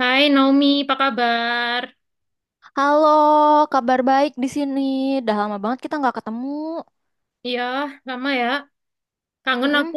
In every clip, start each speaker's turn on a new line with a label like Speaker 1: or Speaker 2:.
Speaker 1: Hai Naomi, apa kabar?
Speaker 2: Halo, kabar baik di sini. Udah lama banget kita nggak ketemu.
Speaker 1: Iya, lama ya. Kangen aku.
Speaker 2: Mm-mm.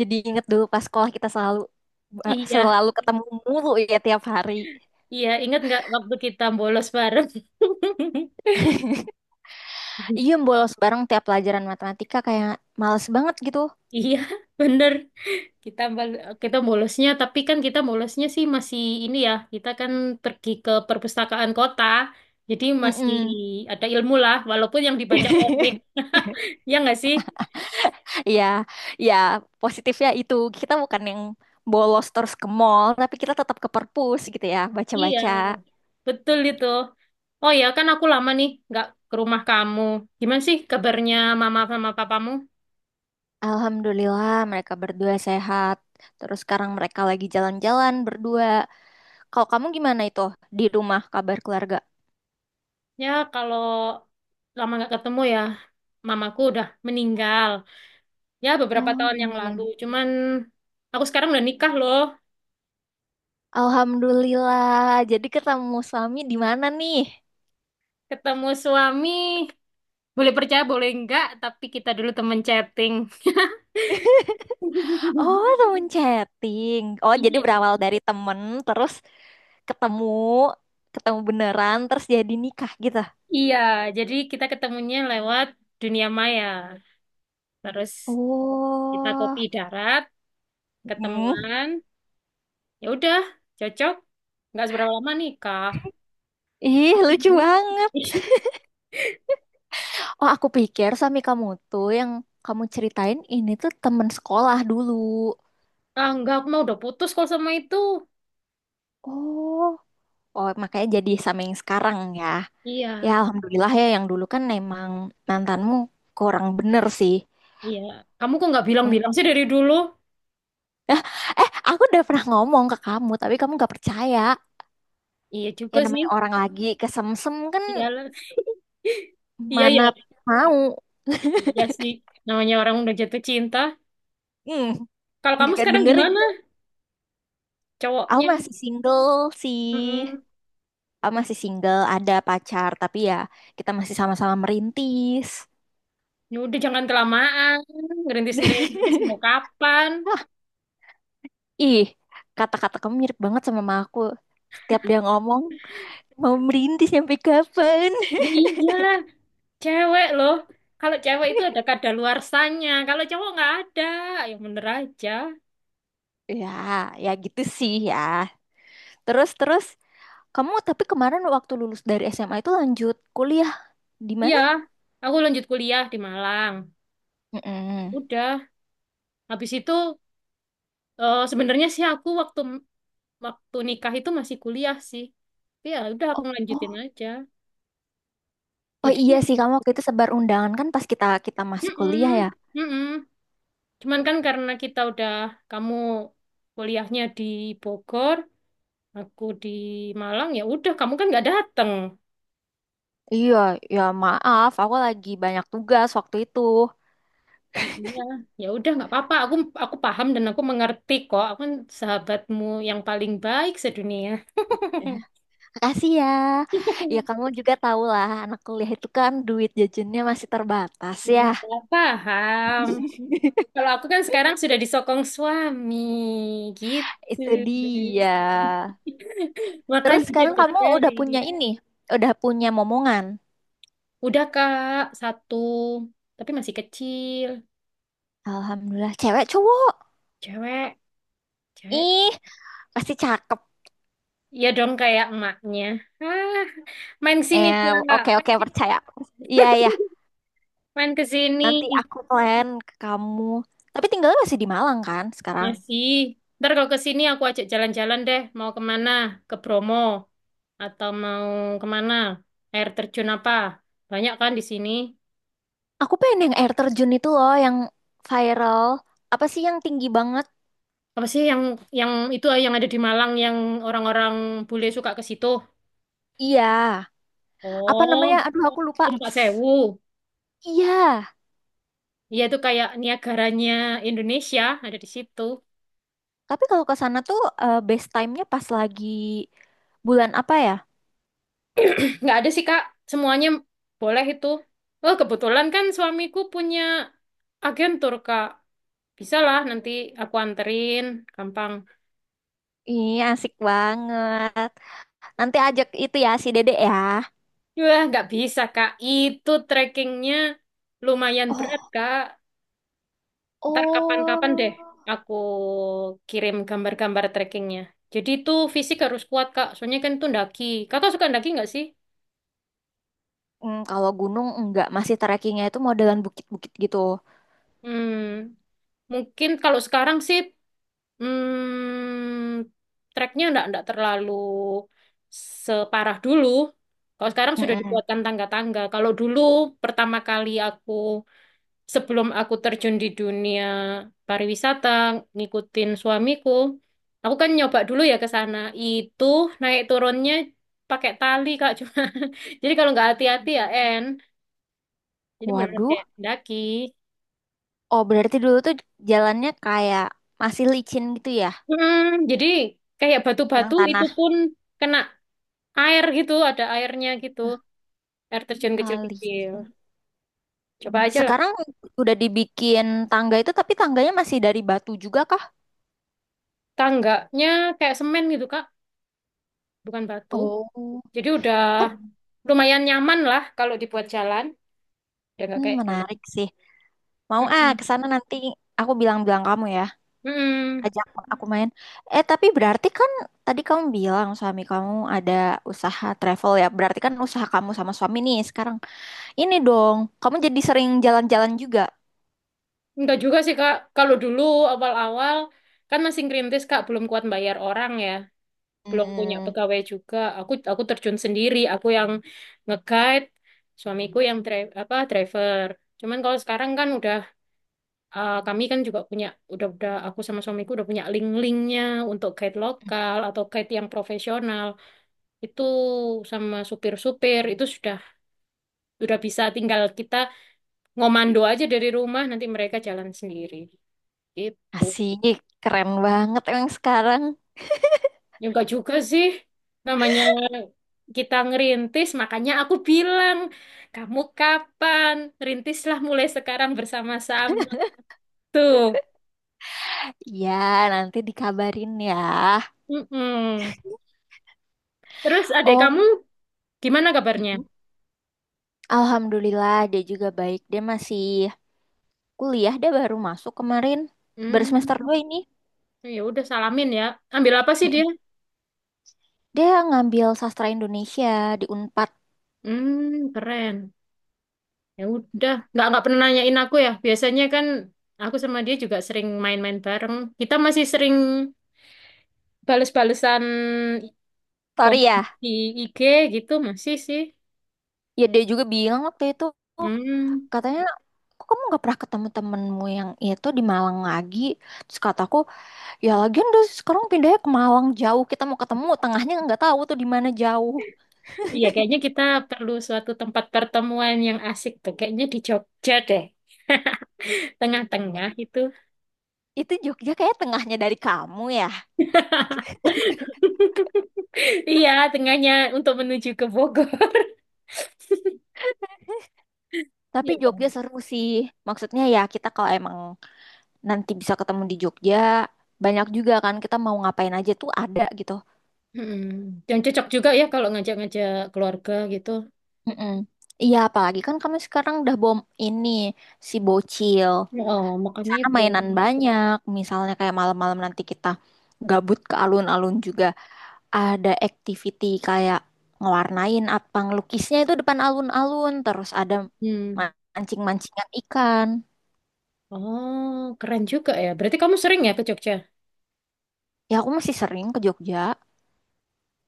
Speaker 2: Jadi inget dulu pas sekolah kita selalu
Speaker 1: Iya,
Speaker 2: selalu ketemu mulu ya tiap hari.
Speaker 1: iya. Ingat nggak waktu kita bolos bareng?
Speaker 2: Iya, bolos bareng tiap pelajaran matematika kayak males banget gitu.
Speaker 1: Iya, bener. Kita bolosnya, tapi kan kita bolosnya sih masih ini ya. Kita kan pergi ke perpustakaan kota, jadi masih
Speaker 2: Mm-mm.
Speaker 1: ada ilmu lah, walaupun yang dibaca komik. Ya nggak sih?
Speaker 2: Iya, ya positifnya itu kita bukan yang bolos terus ke mall, tapi kita tetap ke perpus gitu ya,
Speaker 1: Iya,
Speaker 2: baca-baca.
Speaker 1: betul itu. Oh ya, kan aku lama nih nggak ke rumah kamu. Gimana sih kabarnya mama sama papamu?
Speaker 2: Alhamdulillah mereka berdua sehat. Terus sekarang mereka lagi jalan-jalan berdua. Kalau kamu gimana itu di rumah kabar keluarga?
Speaker 1: Ya kalau lama nggak ketemu ya, mamaku udah meninggal. Ya beberapa
Speaker 2: Oh,
Speaker 1: tahun yang lalu.
Speaker 2: alhamdulillah.
Speaker 1: Cuman aku sekarang udah nikah loh.
Speaker 2: Alhamdulillah. Jadi ketemu suami di mana nih?
Speaker 1: Ketemu suami. Boleh percaya, boleh enggak, tapi kita dulu temen chatting.
Speaker 2: Oh, temen chatting. Oh, jadi
Speaker 1: Iya.
Speaker 2: berawal dari temen, terus ketemu, ketemu beneran, terus jadi nikah gitu.
Speaker 1: Iya, jadi kita ketemunya lewat dunia maya. Terus kita
Speaker 2: Oh,
Speaker 1: kopi darat,
Speaker 2: hmm.
Speaker 1: ketemuan. Ya udah, cocok. Nggak seberapa lama nikah.
Speaker 2: Ih,
Speaker 1: Aku
Speaker 2: lucu
Speaker 1: gimana?
Speaker 2: banget. Oh, aku pikir suami kamu tuh yang kamu ceritain ini tuh temen sekolah dulu.
Speaker 1: Ah, enggak, aku mau udah putus kalau sama itu.
Speaker 2: Oh, oh, makanya jadi sama yang sekarang ya. Ya,
Speaker 1: Iya.
Speaker 2: alhamdulillah ya yang dulu kan emang mantanmu kurang bener sih.
Speaker 1: Iya. Kamu kok nggak bilang-bilang
Speaker 2: Untuk
Speaker 1: sih dari dulu?
Speaker 2: eh, aku udah pernah ngomong ke kamu, tapi kamu gak percaya.
Speaker 1: Iya
Speaker 2: Ya
Speaker 1: juga sih.
Speaker 2: namanya orang lagi kesemsem kan
Speaker 1: Iyalah, Iya ya.
Speaker 2: mana mau.
Speaker 1: Iya sih. Namanya orang udah jatuh cinta.
Speaker 2: Hmm,
Speaker 1: Kalau kamu
Speaker 2: nggak
Speaker 1: sekarang
Speaker 2: dengerin
Speaker 1: gimana?
Speaker 2: tuh. Aku
Speaker 1: Cowoknya.
Speaker 2: masih single sih.
Speaker 1: Mm-mm.
Speaker 2: Aku masih single, ada pacar, tapi ya kita masih sama-sama merintis.
Speaker 1: Ya udah jangan kelamaan. Ngerintis-ngerintis mau kapan?
Speaker 2: Wah, ih, kata-kata kamu mirip banget sama mama aku. Tiap dia ngomong, mau merintis sampai kapan?
Speaker 1: Ya iyalah. Cewek loh. Kalau cewek itu ada kadaluarsanya. Kalau cowok nggak ada. Ya bener aja.
Speaker 2: Ya, ya gitu sih ya. Terus terus kamu tapi kemarin waktu lulus dari SMA itu lanjut kuliah di
Speaker 1: Iya.
Speaker 2: mana?
Speaker 1: Aku lanjut kuliah di Malang.
Speaker 2: Mm-mm.
Speaker 1: Udah. Habis itu eh, sebenarnya sih aku waktu waktu nikah itu masih kuliah sih. Tapi ya udah aku
Speaker 2: Oh,
Speaker 1: lanjutin
Speaker 2: oh,
Speaker 1: aja.
Speaker 2: oh
Speaker 1: Jadi,
Speaker 2: iya sih kamu waktu itu sebar undangan kan pas kita kita masih kuliah ya.
Speaker 1: mm-mm, mm-mm. Cuman kan karena kita udah kamu kuliahnya di Bogor, aku di Malang, ya udah kamu kan nggak dateng.
Speaker 2: Iya, ya maaf, aku lagi banyak tugas waktu itu.
Speaker 1: Iya, ya udah nggak apa-apa. Aku paham dan aku mengerti kok. Aku kan sahabatmu yang paling baik sedunia.
Speaker 2: Ya, makasih ya. Ya kamu juga tahu lah, anak kuliah itu kan duit jajannya masih terbatas
Speaker 1: Ya,
Speaker 2: ya.
Speaker 1: paham. Kalau aku kan sekarang sudah disokong suami gitu.
Speaker 2: Itu dia. Terus
Speaker 1: Makanya dia
Speaker 2: sekarang kamu udah
Speaker 1: cari.
Speaker 2: punya ini, udah punya momongan.
Speaker 1: Udah Kak, satu. Tapi masih kecil.
Speaker 2: Alhamdulillah, cewek cowok.
Speaker 1: Cewek, cewek.
Speaker 2: Ih, pasti cakep.
Speaker 1: Ya dong kayak emaknya. Ah, main sini
Speaker 2: Eh,
Speaker 1: Kak.
Speaker 2: oke oke percaya. Iya iya,
Speaker 1: Main ke sini.
Speaker 2: nanti aku plan ke kamu. Tapi tinggalnya masih di Malang kan sekarang?
Speaker 1: Masih. Ntar kalau ke sini aku ajak jalan-jalan deh. Mau kemana? Ke Bromo. Atau mau kemana? Air terjun apa? Banyak kan di sini.
Speaker 2: Aku pengen yang air terjun itu loh, yang viral. Apa sih yang tinggi banget?
Speaker 1: Apa sih yang itu ah, yang ada di Malang yang orang-orang bule suka ke situ?
Speaker 2: Iya. Apa namanya?
Speaker 1: Oh,
Speaker 2: Aduh, aku lupa.
Speaker 1: Tumpak Sewu.
Speaker 2: Iya.
Speaker 1: Iya itu kayak Niagaranya Indonesia ada di situ.
Speaker 2: Tapi kalau ke sana tuh best time-nya pas lagi bulan apa ya?
Speaker 1: Nggak ada sih Kak, semuanya boleh itu. Oh kebetulan kan suamiku punya agen tur Kak. Bisa lah nanti aku anterin, gampang.
Speaker 2: Iya asik banget. Nanti ajak itu ya si Dede ya.
Speaker 1: Wah nggak bisa Kak, itu trekkingnya lumayan berat
Speaker 2: Oh,
Speaker 1: Kak. Ntar kapan-kapan deh
Speaker 2: oh.
Speaker 1: aku kirim gambar-gambar trekkingnya. Jadi itu fisik harus kuat, Kak. Soalnya kan itu ndaki. Kakak suka ndaki nggak sih?
Speaker 2: Kalau gunung enggak, masih trekkingnya itu modelan bukit-bukit gitu.
Speaker 1: Hmm, mungkin kalau sekarang sih hmm, treknya nggak terlalu separah dulu. Kalau sekarang sudah
Speaker 2: Mm-mm.
Speaker 1: dibuatkan tangga-tangga. Kalau dulu pertama kali aku sebelum aku terjun di dunia pariwisata, ngikutin suamiku, aku kan nyoba dulu ya ke sana. Itu naik turunnya pakai tali, Kak, cuma. Jadi kalau nggak hati-hati ya, En. Jadi benar
Speaker 2: Waduh,
Speaker 1: kayak daki.
Speaker 2: oh berarti dulu tuh jalannya kayak masih licin gitu ya,
Speaker 1: Hmm, jadi kayak
Speaker 2: yang
Speaker 1: batu-batu itu
Speaker 2: tanah.
Speaker 1: pun kena air gitu, ada airnya gitu. Air terjun
Speaker 2: Ah, licin.
Speaker 1: kecil-kecil. Coba aja lah.
Speaker 2: Sekarang udah dibikin tangga itu, tapi tangganya masih dari batu juga kah?
Speaker 1: Tangganya kayak semen gitu, Kak, bukan batu.
Speaker 2: Oh,
Speaker 1: Jadi udah lumayan nyaman lah kalau dibuat jalan. Udah nggak kayak dulu.
Speaker 2: menarik sih. Mau ah ke
Speaker 1: Mm-mm.
Speaker 2: sana nanti aku bilang-bilang kamu ya,
Speaker 1: Mm-mm.
Speaker 2: ajak aku main. Eh, tapi berarti kan tadi kamu bilang suami kamu ada usaha travel ya. Berarti kan usaha kamu sama suami nih sekarang. Ini dong, kamu jadi sering jalan-jalan juga.
Speaker 1: Enggak juga sih Kak. Kalau dulu awal-awal kan masih ngerintis Kak, belum kuat bayar orang ya, belum punya
Speaker 2: Hmm,
Speaker 1: pegawai juga. Aku terjun sendiri, aku yang nge-guide, suamiku yang apa driver. Cuman kalau sekarang kan udah kami kan juga punya udah aku sama suamiku udah punya link-linknya untuk guide lokal atau guide yang profesional. Itu sama supir-supir itu sudah bisa tinggal kita ngomando aja dari rumah nanti mereka jalan sendiri. Gitu.
Speaker 2: asik, keren banget emang sekarang.
Speaker 1: Ya enggak juga sih. Namanya kita ngerintis, makanya aku bilang, kamu kapan? Rintislah mulai sekarang bersama-sama. Tuh.
Speaker 2: Ya, nanti dikabarin ya.
Speaker 1: Mm-mm. Terus adik
Speaker 2: Oh,
Speaker 1: kamu gimana kabarnya?
Speaker 2: mm-mm. Alhamdulillah dia juga baik. Dia masih kuliah, dia baru masuk kemarin. Baru
Speaker 1: Hmm,
Speaker 2: semester 2 ini.
Speaker 1: ya udah salamin ya. Ambil apa sih
Speaker 2: Mm-mm.
Speaker 1: dia?
Speaker 2: Dia ngambil sastra Indonesia di Unpad.
Speaker 1: Keren. Ya udah, nggak pernah nanyain aku ya. Biasanya kan aku sama dia juga sering main-main bareng. Kita masih sering bales-balesan
Speaker 2: Sorry
Speaker 1: komen
Speaker 2: ya,
Speaker 1: di IG gitu masih sih.
Speaker 2: ya dia juga bilang waktu itu, "Oh,
Speaker 1: Hmm,
Speaker 2: katanya, kok kamu nggak pernah ketemu temenmu yang itu di Malang lagi? Terus kataku, ya lagian udah sekarang pindahnya ke Malang jauh. Kita mau ketemu tengahnya nggak tahu tuh di mana jauh."
Speaker 1: iya kayaknya kita perlu suatu tempat pertemuan yang asik tuh. Kayaknya di Jogja deh. Tengah-tengah itu.
Speaker 2: Itu Jogja kayak tengahnya dari kamu ya.
Speaker 1: Iya, tengahnya untuk menuju ke Bogor.
Speaker 2: Tapi
Speaker 1: Iya kan?
Speaker 2: Jogja seru sih. Maksudnya ya kita kalau emang nanti bisa ketemu di Jogja, banyak juga kan kita mau ngapain aja tuh ada gitu.
Speaker 1: Mm-mm. Dan cocok juga ya kalau ngajak-ngajak keluarga gitu.
Speaker 2: Mm-mm. Iya apalagi kan kamu sekarang udah bom ini si bocil.
Speaker 1: Oh, makanya
Speaker 2: Sana
Speaker 1: itu.
Speaker 2: mainan banyak. Misalnya kayak malam-malam nanti kita gabut ke alun-alun juga. Ada activity kayak ngewarnain apa ngelukisnya itu depan alun-alun, terus ada
Speaker 1: Hmm.
Speaker 2: mancing-mancingan ikan.
Speaker 1: Oh, keren juga ya. Berarti kamu sering ya ke Jogja?
Speaker 2: Ya aku masih sering ke Jogja.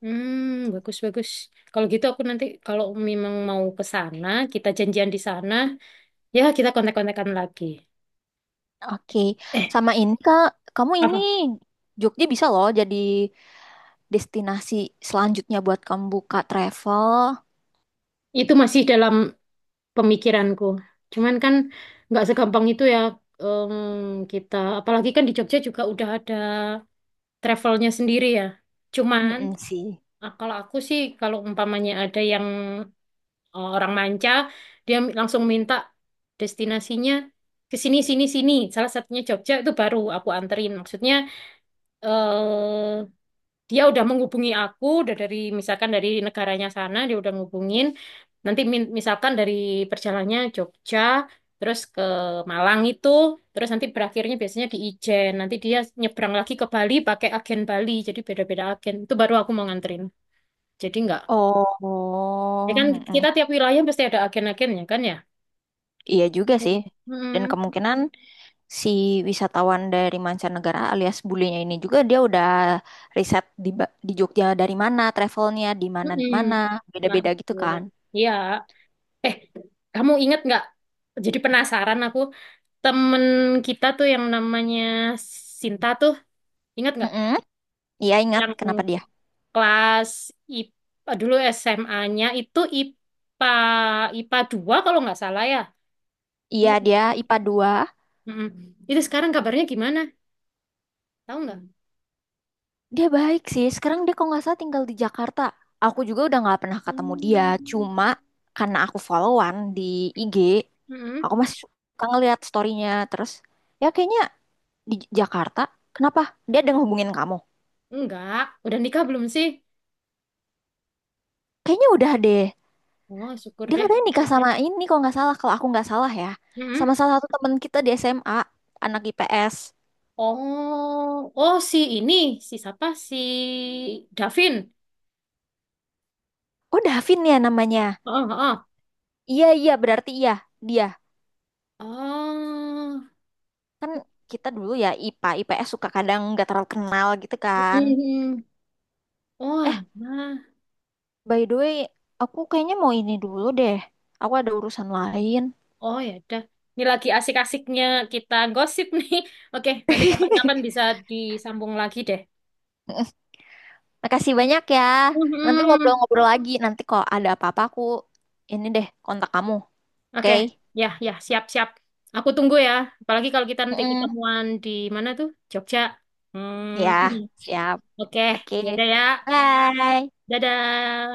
Speaker 1: Bagus bagus. Kalau gitu aku nanti kalau memang mau ke sana, kita janjian di sana, ya kita kontak-kontakan lagi.
Speaker 2: Oke,
Speaker 1: Eh,
Speaker 2: sama ini kak, kamu ini
Speaker 1: apa?
Speaker 2: Jogja bisa loh jadi destinasi selanjutnya buat kamu buka travel.
Speaker 1: Itu masih dalam pemikiranku. Cuman kan nggak segampang itu ya em, kita. Apalagi kan di Jogja juga udah ada travelnya sendiri ya. Cuman
Speaker 2: Mm-mm sih.
Speaker 1: ah, kalau aku sih kalau umpamanya ada yang Eh, orang manca, dia langsung minta destinasinya ke sini, sini, sini. Salah satunya Jogja itu baru aku anterin. Maksudnya eh, dia udah menghubungi aku, udah dari misalkan dari negaranya sana dia udah ngubungin. Nanti misalkan dari perjalannya Jogja, terus ke Malang itu, terus nanti berakhirnya biasanya di Ijen. Nanti dia nyebrang lagi ke Bali pakai agen Bali. Jadi beda-beda agen. Itu baru aku mau nganterin. Jadi nggak. Ya
Speaker 2: Oh,
Speaker 1: kan
Speaker 2: mm-mm.
Speaker 1: kita tiap wilayah pasti ada agen-agennya kan ya.
Speaker 2: Iya
Speaker 1: Gitu.
Speaker 2: juga sih,
Speaker 1: Mm-mm.
Speaker 2: dan kemungkinan si wisatawan dari mancanegara alias bulenya ini juga dia udah riset di di Jogja dari mana travelnya di mana
Speaker 1: Mm-mm.
Speaker 2: mana
Speaker 1: Nah,
Speaker 2: beda-beda
Speaker 1: itu.
Speaker 2: gitu kan.
Speaker 1: Iya. Eh, kamu inget nggak? Jadi penasaran aku. Temen kita tuh yang namanya Sinta tuh, inget nggak?
Speaker 2: Mm-mm. Iya, ingat.
Speaker 1: Yang
Speaker 2: Kenapa dia?
Speaker 1: kelas IPA, dulu SMA-nya itu IPA, IPA 2 kalau nggak salah ya.
Speaker 2: Iya,
Speaker 1: Ingat
Speaker 2: dia
Speaker 1: nggak?
Speaker 2: IPA dua.
Speaker 1: Mm-mm. Itu sekarang kabarnya gimana? Tahu nggak?
Speaker 2: Dia baik sih sekarang, dia kok nggak salah tinggal di Jakarta. Aku juga udah nggak pernah ketemu dia,
Speaker 1: Hmm.
Speaker 2: cuma karena aku followan di IG
Speaker 1: Mm-mm.
Speaker 2: aku masih suka ngeliat storynya. Terus ya kayaknya di Jakarta. Kenapa, dia ada ngehubungin kamu?
Speaker 1: Enggak. Udah nikah belum sih?
Speaker 2: Kayaknya udah deh.
Speaker 1: Oh, syukur
Speaker 2: Dia
Speaker 1: deh.
Speaker 2: katanya nikah sama ini kalau nggak salah, kalau aku nggak salah ya.
Speaker 1: Mm-mm.
Speaker 2: Sama salah satu teman kita di SMA, anak IPS.
Speaker 1: Oh, oh si ini, si siapa? Si Davin.
Speaker 2: Oh, Davin ya namanya.
Speaker 1: Oh, oh, oh.
Speaker 2: Iya, iya, berarti iya, dia.
Speaker 1: Oh,
Speaker 2: Kan kita dulu ya IPA, IPS suka kadang nggak terlalu kenal gitu kan.
Speaker 1: Mm. Oh,
Speaker 2: Eh,
Speaker 1: alah.
Speaker 2: by the way, aku kayaknya mau ini dulu deh. Aku ada urusan lain.
Speaker 1: Oh ya udah. Ini lagi asik-asiknya kita gosip nih. Oke, nanti kapan-kapan bisa disambung lagi deh.
Speaker 2: Makasih banyak ya. Nanti
Speaker 1: Mhm.
Speaker 2: ngobrol-ngobrol lagi. Nanti kalau ada apa-apa aku ini deh kontak kamu. Oke?
Speaker 1: Oke, ya, ya, siap-siap. Aku tunggu ya. Apalagi kalau kita nanti
Speaker 2: Mm-mm.
Speaker 1: ketemuan di mana tuh? Jogja.
Speaker 2: Ya,
Speaker 1: Hmm.
Speaker 2: siap.
Speaker 1: Oke,
Speaker 2: Oke,
Speaker 1: ya udah ya.
Speaker 2: bye.
Speaker 1: Dadah.